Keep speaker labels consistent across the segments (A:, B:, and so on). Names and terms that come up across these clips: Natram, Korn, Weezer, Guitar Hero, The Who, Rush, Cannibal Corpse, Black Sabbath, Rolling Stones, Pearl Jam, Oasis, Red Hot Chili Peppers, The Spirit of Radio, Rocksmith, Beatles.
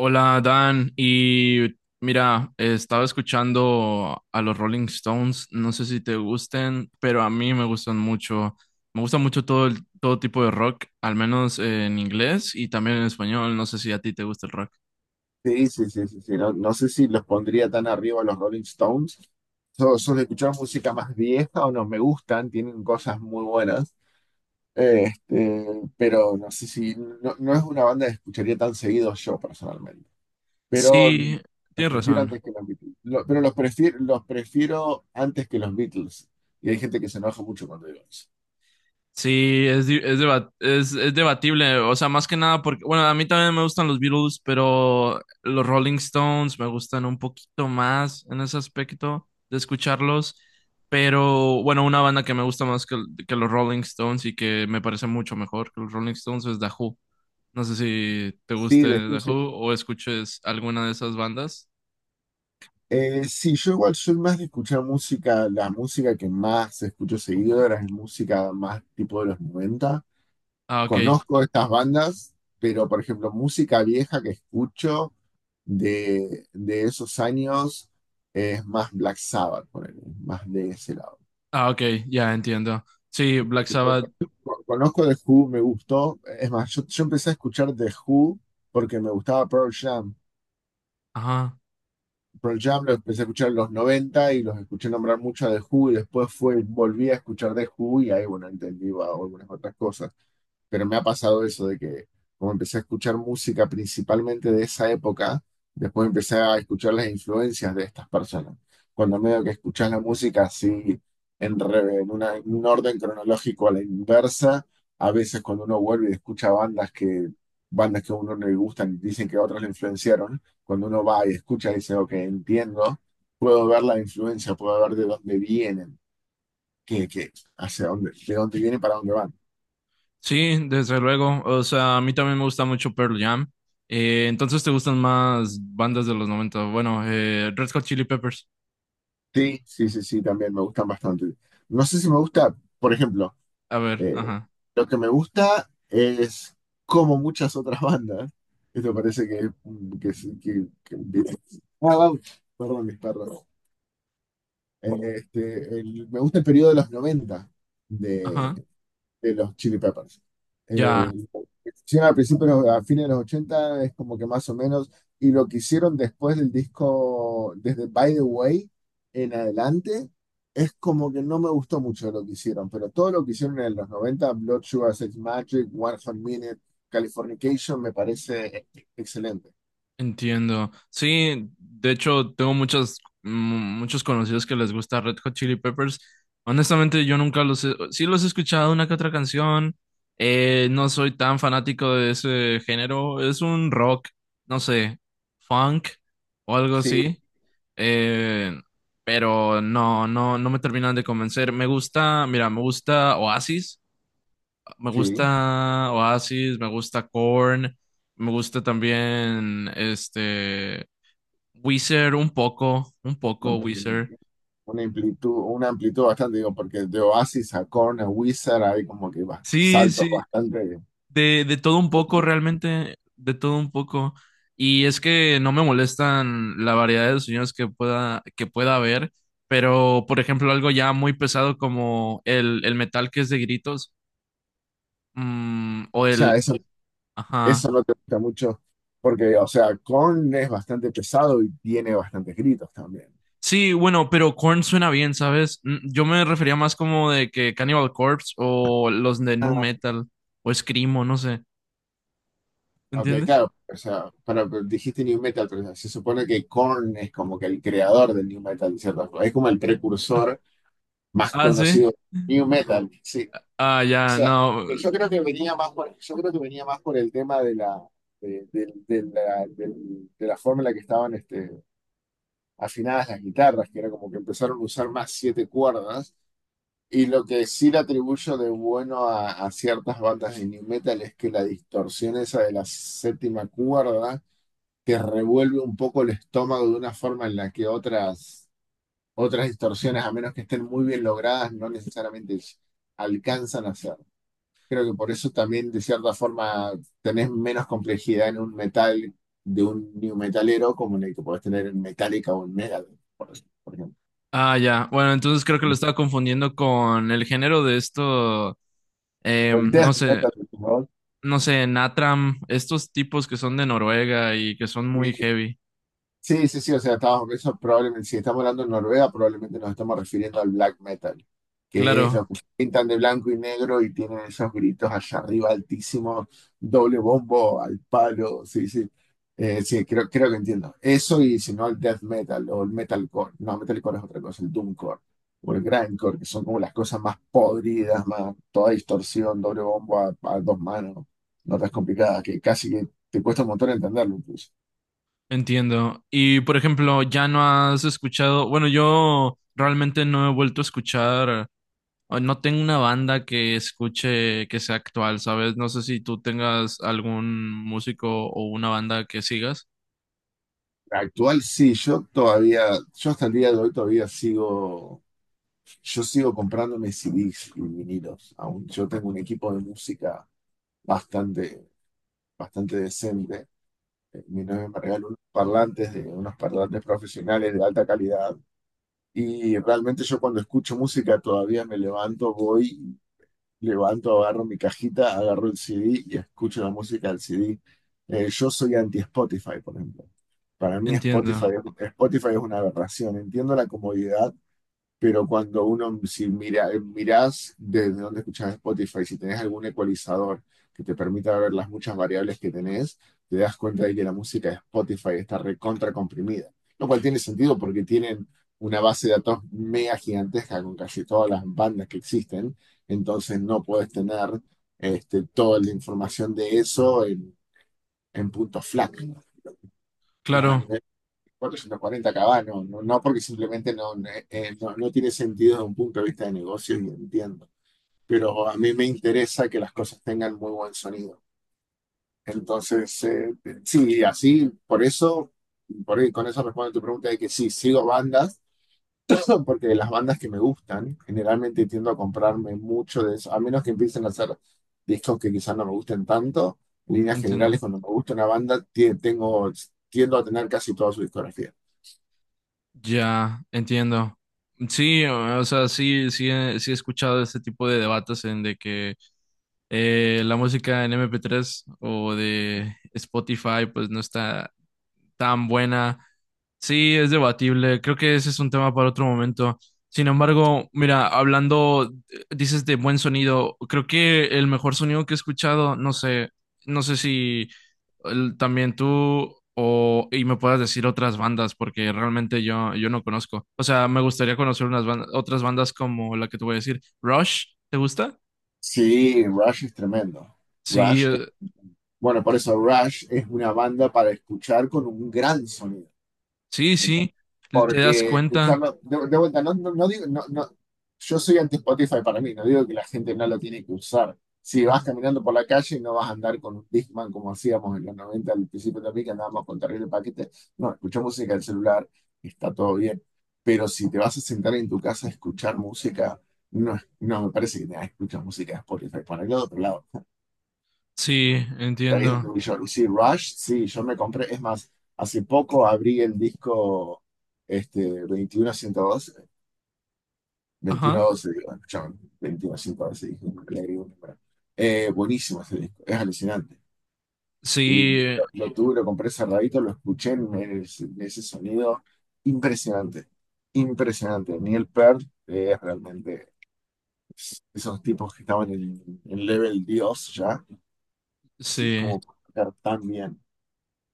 A: Hola Dan, mira, estaba escuchando a los Rolling Stones, no sé si te gusten, pero a mí me gustan mucho, me gusta mucho todo tipo de rock, al menos en inglés y también en español, no sé si a ti te gusta el rock.
B: Sí, sí, sí, sí, sí. No, no sé si los pondría tan arriba a los Rolling Stones. Suelo escuchar música más vieja o no me gustan, tienen cosas muy buenas. Este, pero no sé si no es una banda que escucharía tan seguido yo personalmente. Pero
A: Sí,
B: los
A: tienes
B: prefiero
A: razón.
B: antes que los Beatles. Pero los prefiero antes que los Beatles. Y hay gente que se enoja mucho cuando digo eso.
A: Sí, es, di- es, debat- es debatible, o sea, más que nada porque, bueno, a mí también me gustan los Beatles, pero los Rolling Stones me gustan un poquito más en ese aspecto de escucharlos, pero bueno, una banda que me gusta más que los Rolling Stones y que me parece mucho mejor que los Rolling Stones es The Who. No sé si te
B: Sí,
A: guste The
B: después sí.
A: Who o escuches alguna de esas bandas.
B: Sí, yo igual soy más de escuchar música, la música que más escucho seguido ahora es música más tipo de los 90.
A: Ah, ok.
B: Conozco estas bandas, pero por ejemplo, música vieja que escucho de esos años es más Black Sabbath, ponele, más de ese lado.
A: Ah, ok, ya entiendo. Sí, Black Sabbath.
B: Conozco The Who, me gustó, es más, yo empecé a escuchar The Who porque me gustaba Pearl Jam.
A: Ajá.
B: Pearl Jam lo empecé a escuchar en los 90 y los escuché nombrar mucho a The Who y después fue, volví a escuchar The Who y ahí, bueno, entendí wow, algunas otras cosas. Pero me ha pasado eso de que como empecé a escuchar música principalmente de esa época, después empecé a escuchar las influencias de estas personas. Cuando medio que escuchas la música así en, re- en una- en un orden cronológico a la inversa, a veces cuando uno vuelve y escucha bandas que a uno no le gustan y dicen que otros le influenciaron, cuando uno va y escucha y dice, ok, entiendo, puedo ver la influencia, puedo ver de dónde vienen, qué, qué, hacia dónde, de dónde vienen, para dónde van.
A: Sí, desde luego. O sea, a mí también me gusta mucho Pearl Jam. Entonces, ¿te gustan más bandas de los 90? Bueno, Red Hot Chili Peppers.
B: Sí, sí, sí, sí, también me gustan bastante. No sé si me gusta, por ejemplo,
A: A ver,
B: eh,
A: ajá,
B: lo que me gusta es como muchas otras bandas. Esto parece que, sí, ah, vamos. Perdón, mis perros. Eh, Me gusta el periodo de los 90,
A: ajá.
B: de los Chili Peppers.
A: Ya,
B: Eh, Hicieron al principio, a fines de los 80 es como que más o menos, y lo que hicieron después del disco, desde By the Way en adelante, es como que no me gustó mucho lo que hicieron, pero todo lo que hicieron en los 90 Blood Sugar Sex Magic, One Hot Minute, Californication, me parece excelente.
A: entiendo. Sí, de hecho, tengo muchos conocidos que les gusta Red Hot Chili Peppers. Honestamente, yo nunca los he... Sí los he escuchado una que otra canción. No soy tan fanático de ese género. Es un rock, no sé, funk o algo
B: Sí,
A: así. Eh, pero no me terminan de convencer. Me gusta, mira, me gusta Oasis, me
B: sí.
A: gusta Oasis, me gusta Korn, me gusta también Weezer un poco
B: Bueno,
A: Weezer.
B: una amplitud bastante, digo, porque de Oasis a Korn a Wizard hay como que va,
A: Sí,
B: saltos
A: sí,
B: bastante.
A: de todo un poco realmente, de todo un poco. Y es que no me molestan la variedad de sonidos que que pueda haber, pero por ejemplo algo ya muy pesado como el metal que es de gritos. Mm,
B: O
A: o
B: sea,
A: el... Ajá.
B: eso no te gusta mucho, porque, o sea, Korn es bastante pesado y tiene bastantes gritos también.
A: Sí, bueno, pero Korn suena bien, ¿sabes? Mm, yo me refería más como de que Cannibal Corpse o los de Nu Metal o Screamo, no sé.
B: Aunque,
A: ¿Entiendes?
B: claro, o sea, para, dijiste New Metal, pero se supone que Korn es como que el creador del New Metal, de cierta forma. Es como el precursor más
A: Ah, sí.
B: conocido del New Metal, sí. O
A: Ah, ya,
B: sea,
A: no.
B: que yo creo que venía más por el tema de la, de la forma en la que estaban afinadas las guitarras, que era como que empezaron a usar más siete cuerdas. Y lo que sí le atribuyo de bueno a ciertas bandas de new metal es que la distorsión esa de la séptima cuerda te revuelve un poco el estómago de una forma en la que otras distorsiones, a menos que estén muy bien logradas, no necesariamente alcanzan a hacer. Creo que por eso también, de cierta forma, tenés menos complejidad en un metal de un new metalero como en el que podés tener en Metallica o en Megadeth, por ejemplo.
A: Ah, ya. Bueno, entonces creo que lo estaba confundiendo con el género de esto,
B: O el
A: no
B: death
A: sé,
B: metal de tu voz,
A: no sé, Natram, estos tipos que son de Noruega y que son muy
B: sí,
A: heavy.
B: sí, sí, sí, o sea, estamos, eso probablemente, si estamos hablando de Noruega, probablemente nos estamos refiriendo al black metal, que es los
A: Claro.
B: que pintan de blanco y negro y tienen esos gritos allá arriba altísimos, doble bombo al palo, sí, sí, sí, creo que entiendo. Eso y si no el death metal o el metalcore, no, metalcore es otra cosa, el doomcore o el grindcore, que son como las cosas más podridas, más toda distorsión, doble bombo a dos manos, notas complicadas, que casi que te cuesta un montón entenderlo incluso.
A: Entiendo. Y por ejemplo, ya no has escuchado, bueno, yo realmente no he vuelto a escuchar, o no tengo una banda que escuche que sea actual, ¿sabes? No sé si tú tengas algún músico o una banda que sigas.
B: Actual sí, yo hasta el día de hoy todavía sigo comprándome CDs y vinilos. Aún yo tengo un equipo de música bastante, bastante decente. Mi novia me regaló unos parlantes profesionales de alta calidad. Y realmente yo cuando escucho música todavía me levanto, voy, levanto, agarro mi cajita, agarro el CD y escucho la música del CD. Yo soy anti-Spotify, por ejemplo. Para mí
A: Entiendo.
B: Spotify es una aberración. Entiendo la comodidad, pero cuando uno, si mira, mirás desde dónde escuchas Spotify, si tenés algún ecualizador que te permita ver las muchas variables que tenés, te das cuenta de que la música de Spotify está recontra comprimida. Lo cual tiene sentido porque tienen una base de datos mega gigantesca con casi todas las bandas que existen. Entonces no puedes tener toda la información de eso en punto FLAC. No, a
A: Claro,
B: nivel 440 caballos, no, porque simplemente no, no, no tiene sentido desde un punto de vista de negocio y entiendo, pero a mí me interesa que las cosas tengan muy buen sonido. Entonces, sí, así, por eso, por ahí, con eso respondo a tu pregunta de que sí, sigo bandas, porque de las bandas que me gustan, generalmente tiendo a comprarme mucho de eso, a menos que empiecen a hacer discos que quizás no me gusten tanto, en líneas
A: entiendo.
B: generales, cuando me gusta una banda, tiendo a tener casi toda su discografía.
A: Ya, entiendo. Sí, sí he escuchado este tipo de debates en de que la música en MP3 o de Spotify pues no está tan buena. Sí, es debatible. Creo que ese es un tema para otro momento. Sin embargo, mira, hablando, dices de buen sonido, creo que el mejor sonido que he escuchado, no sé, no sé si también tú o y me puedas decir otras bandas, porque realmente yo no conozco. O sea, me gustaría conocer unas bandas, otras bandas como la que te voy a decir. Rush, ¿te gusta?
B: Sí, Rush es tremendo.
A: Sí,
B: Rush, es- bueno, por eso Rush es una banda para escuchar con un gran sonido.
A: sí,
B: ¿Entendés?
A: sí. Te das
B: Porque
A: cuenta.
B: escucharlo, de vuelta, no, no, no digo, no, no, yo soy anti Spotify para mí, no digo que la gente no lo tiene que usar. Si vas
A: Ajá.
B: caminando por la calle no vas a andar con un Discman como hacíamos en los 90 al principio también, que andábamos con terrible paquete. No, escucha música del celular, está todo bien. Pero si te vas a sentar en tu casa a escuchar música. No, no me parece que tengas que escuchar música de Spotify. Por el otro lado,
A: Sí,
B: ahí es donde
A: entiendo.
B: voy yo. Y sí, Rush, sí, yo me compré, es más, hace poco abrí el disco este, 21
A: Ajá.
B: 2112, digo, escuchame, veintiuno ciento doce dije, le agregué un número. Buenísimo ese disco, es alucinante. Y
A: Sí,
B: lo tuve, lo compré cerradito, lo escuché en, ese sonido impresionante, impresionante. Neil Peart, es realmente esos tipos que estaban en level Dios ya, sí,
A: sí,
B: como tocar tan bien.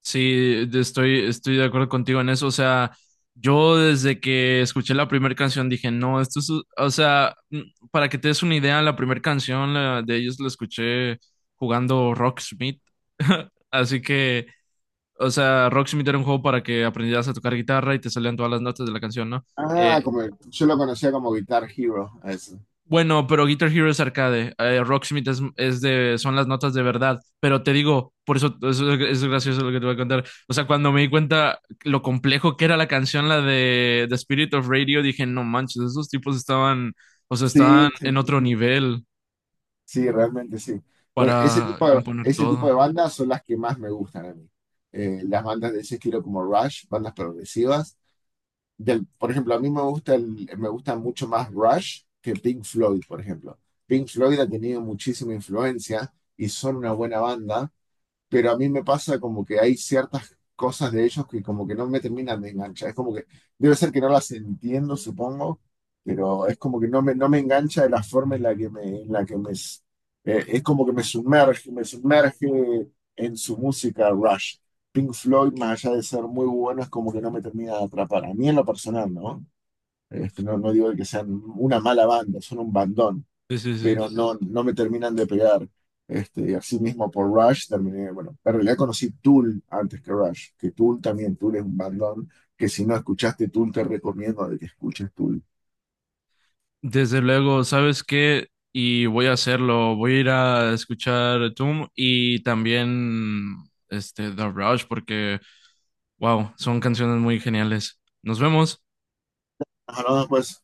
A: sí, estoy de acuerdo contigo en eso. O sea, yo desde que escuché la primera canción dije, no, esto es, o sea, mm, para que te des una idea, la primera canción la- de ellos la escuché jugando Rocksmith. Así que, o sea, Rocksmith era un juego para que aprendieras a tocar guitarra y te salían todas las notas de la canción, ¿no?
B: Ah,
A: Eh,
B: como yo lo conocía como Guitar Hero, a eso.
A: Bueno, pero Guitar Hero es arcade, Rocksmith son las notas de verdad, pero te digo, por eso, eso es gracioso lo que te voy a contar. O sea, cuando me di cuenta lo complejo que era la canción, la de The Spirit of Radio, dije, no manches, esos tipos estaban, o sea, estaban
B: Sí, sí,
A: en
B: sí,
A: otro
B: sí,
A: nivel
B: sí, realmente sí. Bueno,
A: para componer
B: ese tipo de
A: todo.
B: bandas son las que más me gustan a mí. Las bandas de ese estilo como Rush, bandas progresivas. Por ejemplo, a mí me gusta mucho más Rush que Pink Floyd, por ejemplo. Pink Floyd ha tenido muchísima influencia y son una buena banda, pero a mí me pasa como que hay ciertas cosas de ellos que como que no me terminan de enganchar. Es como que debe ser que no las entiendo, supongo, pero es como que no me engancha de la forma en la que me, es como que me sumerge en su música Rush. Pink Floyd, más allá de ser muy bueno, es como que no me termina de atrapar. A mí en lo personal, ¿no? No, digo que sean una mala banda, son un bandón,
A: Sí, sí, sí.
B: pero no me terminan de pegar. Así mismo por Rush terminé, bueno, en realidad conocí Tool antes que Rush, que Tool también, Tool es un bandón, que si no escuchaste Tool te recomiendo de que escuches Tool.
A: Desde luego, ¿sabes qué? Y voy a hacerlo. Voy a ir a escuchar Toom y también este The Rush porque, wow, son canciones muy geniales. Nos vemos.
B: Hablamos pues.